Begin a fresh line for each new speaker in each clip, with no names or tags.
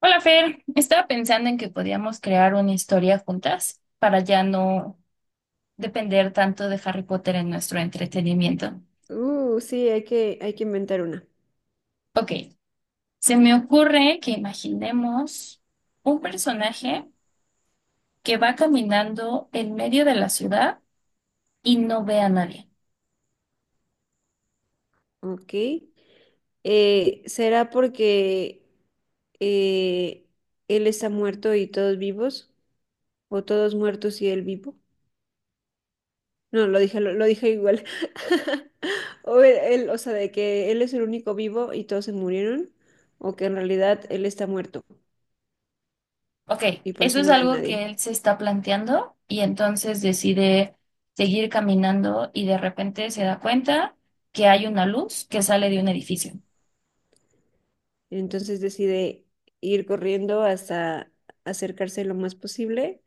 Hola Fer, estaba pensando en que podíamos crear una historia juntas para ya no depender tanto de Harry Potter en nuestro entretenimiento.
Sí, hay que inventar una.
Ok, se me ocurre que imaginemos un personaje que va caminando en medio de la ciudad y no ve a nadie.
Ok. ¿Será porque eh, él está muerto y todos vivos? ¿O todos muertos y él vivo? No, lo dije, lo dije igual. O él, o sea, de que él es el único vivo y todos se murieron. O que en realidad él está muerto
Ok,
y por
eso
eso
es
no ve a
algo que
nadie.
él se está planteando y entonces decide seguir caminando y de repente se da cuenta que hay una luz que sale de un edificio.
Entonces decide ir corriendo hasta acercarse lo más posible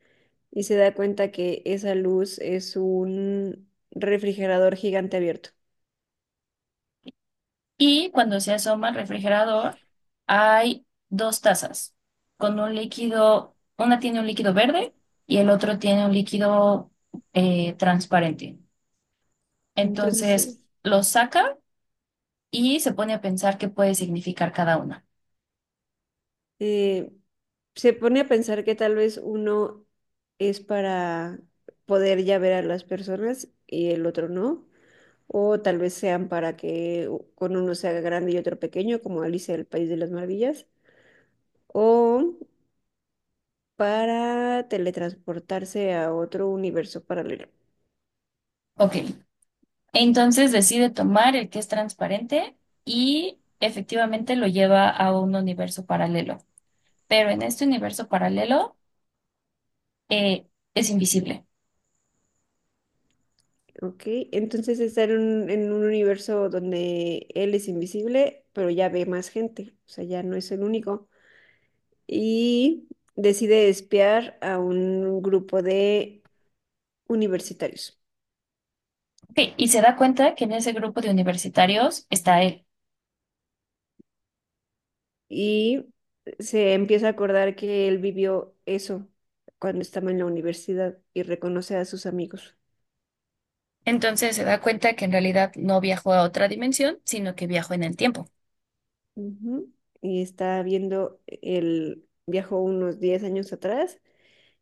y se da cuenta que esa luz es un refrigerador gigante abierto.
Y cuando se asoma al refrigerador, hay dos tazas con un líquido, una tiene un líquido verde y el otro tiene un líquido transparente. Entonces
Entonces,
lo saca y se pone a pensar qué puede significar cada una.
eh, se pone a pensar que tal vez uno es para poder ya ver a las personas y el otro no, o tal vez sean para que con uno se haga grande y otro pequeño, como Alicia del País de las Maravillas, o para teletransportarse a otro universo paralelo.
Ok, entonces decide tomar el que es transparente y efectivamente lo lleva a un universo paralelo. Pero en este universo paralelo eh, es invisible.
Ok, entonces está en un universo donde él es invisible, pero ya ve más gente, o sea, ya no es el único. Y decide espiar a un grupo de universitarios.
Sí, y se da cuenta que en ese grupo de universitarios está él.
Y se empieza a acordar que él vivió eso cuando estaba en la universidad y reconoce a sus amigos.
Entonces se da cuenta que en realidad no viajó a otra dimensión, sino que viajó en el tiempo.
Ujú. Y está viendo viajó unos 10 años atrás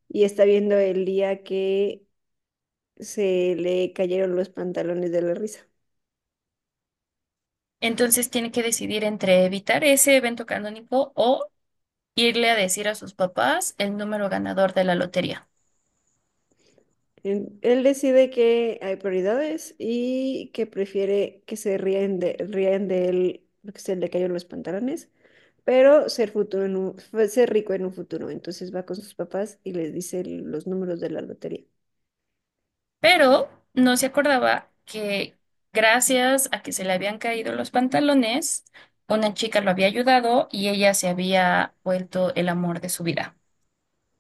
y está viendo el día que se le cayeron los pantalones de la risa.
Entonces tiene que decidir entre evitar ese evento canónico o irle a decir a sus papás el número ganador de la lotería.
Él decide que hay prioridades y que prefiere que rían de él porque se le cayeron los pantalones, pero ser rico en un futuro. Entonces va con sus papás y les dice los números de la lotería.
Pero no se acordaba que gracias a que se le habían caído los pantalones, una chica lo había ayudado y ella se había vuelto el amor de su vida.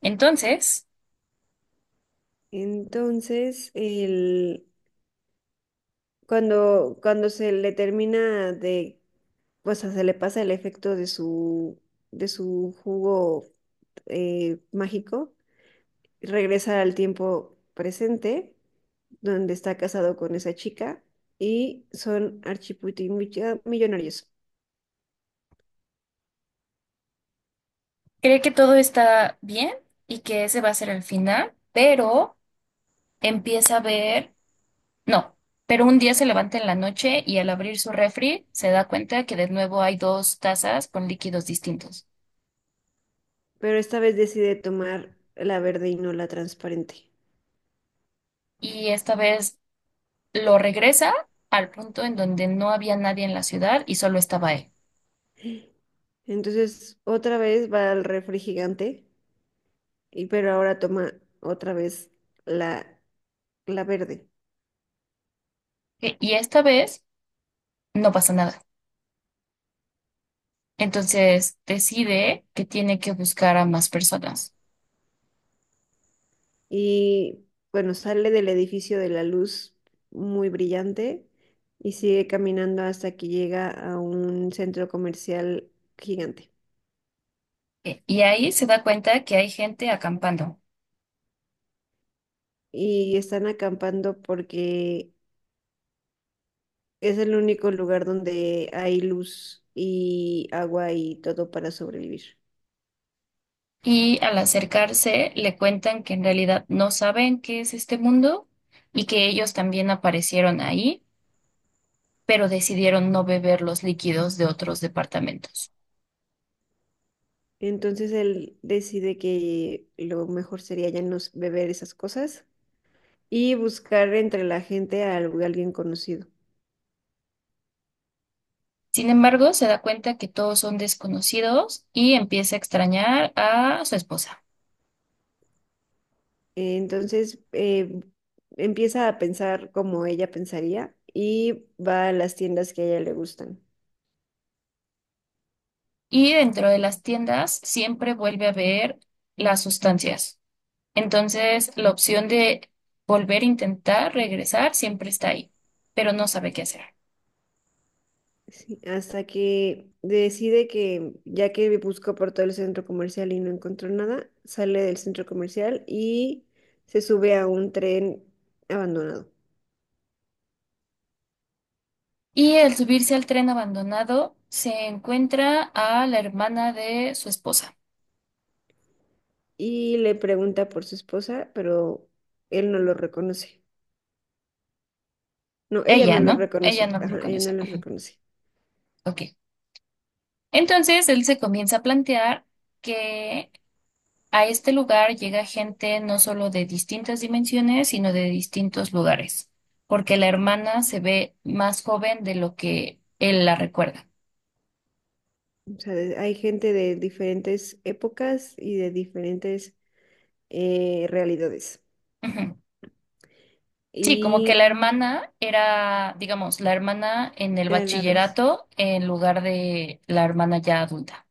Entonces...
Entonces, cuando se le pues se le pasa el efecto de de su jugo mágico, regresa al tiempo presente, donde está casado con esa chica, y son millonarios.
Cree que todo está bien y que ese va a ser el final, pero empieza a ver, no, pero un día se levanta en la noche y al abrir su refri se da cuenta que de nuevo hay dos tazas con líquidos distintos.
Pero esta vez decide tomar la verde y no la transparente.
Y esta vez lo regresa al punto en donde no había nadie en la ciudad y solo estaba él.
Entonces, otra vez va al refri gigante, y, pero ahora toma otra vez la, la verde.
Y esta vez no pasa nada. Entonces decide que tiene que buscar a más personas.
Y bueno, sale del edificio de la luz muy brillante y sigue caminando hasta que llega a un centro comercial gigante.
Y ahí se da cuenta que hay gente acampando.
Y están acampando porque es el único lugar donde hay luz y agua y todo para sobrevivir.
Y al acercarse, le cuentan que en realidad no saben qué es este mundo y que ellos también aparecieron ahí, pero decidieron no beber los líquidos de otros departamentos.
Entonces él decide que lo mejor sería ya no beber esas cosas y buscar entre la gente a alguien conocido.
Sin embargo, se da cuenta que todos son desconocidos y empieza a extrañar a su esposa.
Entonces empieza a pensar como ella pensaría y va a las tiendas que a ella le gustan.
Y dentro de las tiendas siempre vuelve a ver las sustancias. Entonces, la opción de volver a intentar regresar siempre está ahí, pero no sabe qué hacer.
Sí, hasta que decide que ya que buscó por todo el centro comercial y no encontró nada, sale del centro comercial y se sube a un tren abandonado.
Y al subirse al tren abandonado, se encuentra a la hermana de su esposa.
Y le pregunta por su esposa, pero él no lo reconoce. No, ella
Ella,
no lo
¿no? Ella
reconoce.
no lo
Ajá, ella no
reconoce.
lo
Ujú.
reconoce.
Ok. Entonces él se comienza a plantear que a este lugar llega gente no solo de distintas dimensiones, sino de distintos lugares, porque la hermana se ve más joven de lo que él la recuerda.
O sea, hay gente de diferentes épocas y de diferentes realidades.
Ujú. Sí, como que
Y
la hermana era, digamos, la hermana en el
a la vez.
bachillerato en lugar de la hermana ya adulta.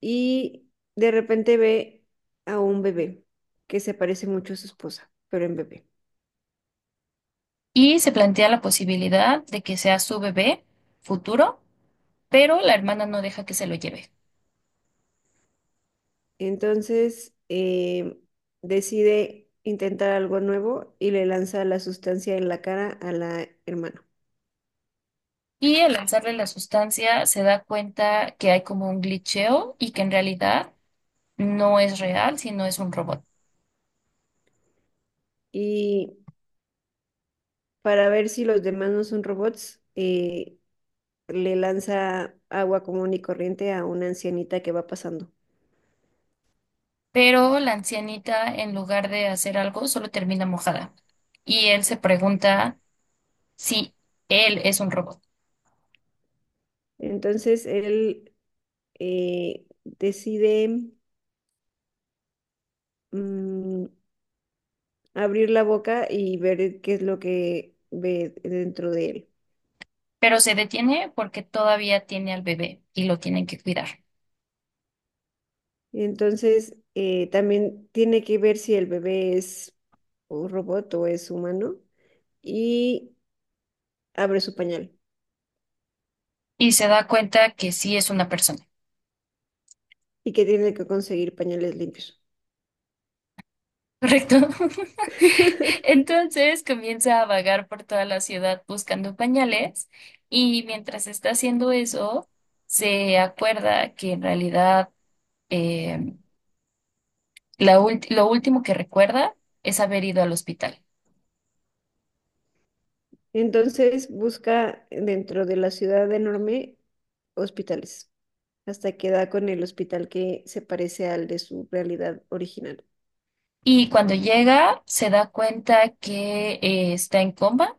Y de repente ve a un bebé que se parece mucho a su esposa, pero en bebé.
Y se plantea la posibilidad de que sea su bebé futuro, pero la hermana no deja que se lo lleve.
Entonces decide intentar algo nuevo y le lanza la sustancia en la cara a la hermana.
Y al lanzarle la sustancia se da cuenta que hay como un glitcheo y que en realidad no es real, sino es un robot.
Y para ver si los demás no son robots, le lanza agua común y corriente a una ancianita que va pasando.
Pero la ancianita, en lugar de hacer algo, solo termina mojada. Y él se pregunta si él es un robot.
Entonces él decide mm, abrir la boca y ver qué es lo que ve dentro de él.
Pero se detiene porque todavía tiene al bebé y lo tienen que cuidar.
Entonces, también tiene que ver si el bebé es un robot o es humano y abre su pañal
Y se da cuenta que sí es una persona.
y que tiene que conseguir pañales limpios.
¿Correcto? Entonces comienza a vagar por toda la ciudad buscando pañales y mientras está haciendo eso, se acuerda que en realidad eh, lo último que recuerda es haber ido al hospital.
Entonces, busca dentro de la ciudad enorme hospitales hasta que da con el hospital que se parece al de su realidad original.
Y cuando llega, se da cuenta que está en coma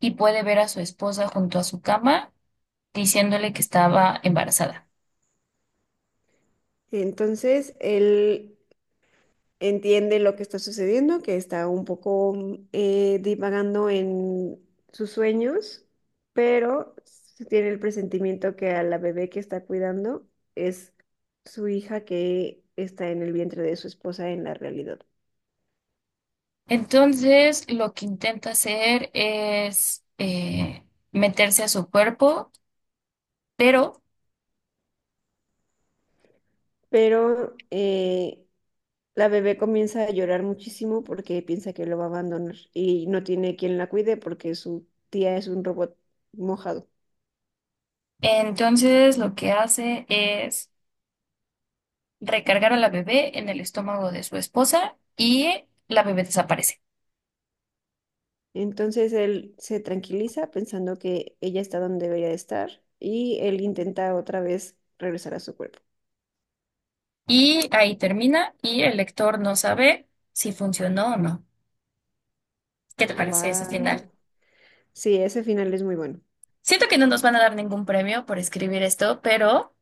y puede ver a su esposa junto a su cama diciéndole que estaba embarazada.
Entonces, él entiende lo que está sucediendo, que está un poco divagando en sus sueños, pero se tiene el presentimiento que a la bebé que está cuidando es su hija que está en el vientre de su esposa en la realidad.
Entonces, lo que intenta hacer es meterse a su cuerpo, pero
Pero la bebé comienza a llorar muchísimo porque piensa que lo va a abandonar y no tiene quien la cuide porque su tía es un robot mojado.
entonces lo que hace es recargar a la bebé en el estómago de su esposa y la bebé desaparece.
Entonces él se tranquiliza pensando que ella está donde debería de estar y él intenta otra vez regresar a su cuerpo.
Y ahí termina y el lector no sabe si funcionó o no. ¿Qué te parece ese final?
Wow. Sí, ese final es muy bueno.
Siento que no nos van a dar ningún premio por escribir esto, pero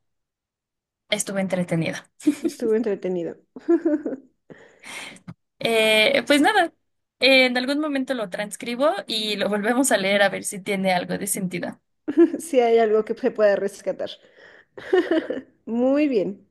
estuve entretenida.
Estuvo entretenido.
Pues nada, en algún momento lo transcribo y lo volvemos a leer a ver si tiene algo de sentido.
Si hay algo que se pueda rescatar. Muy bien.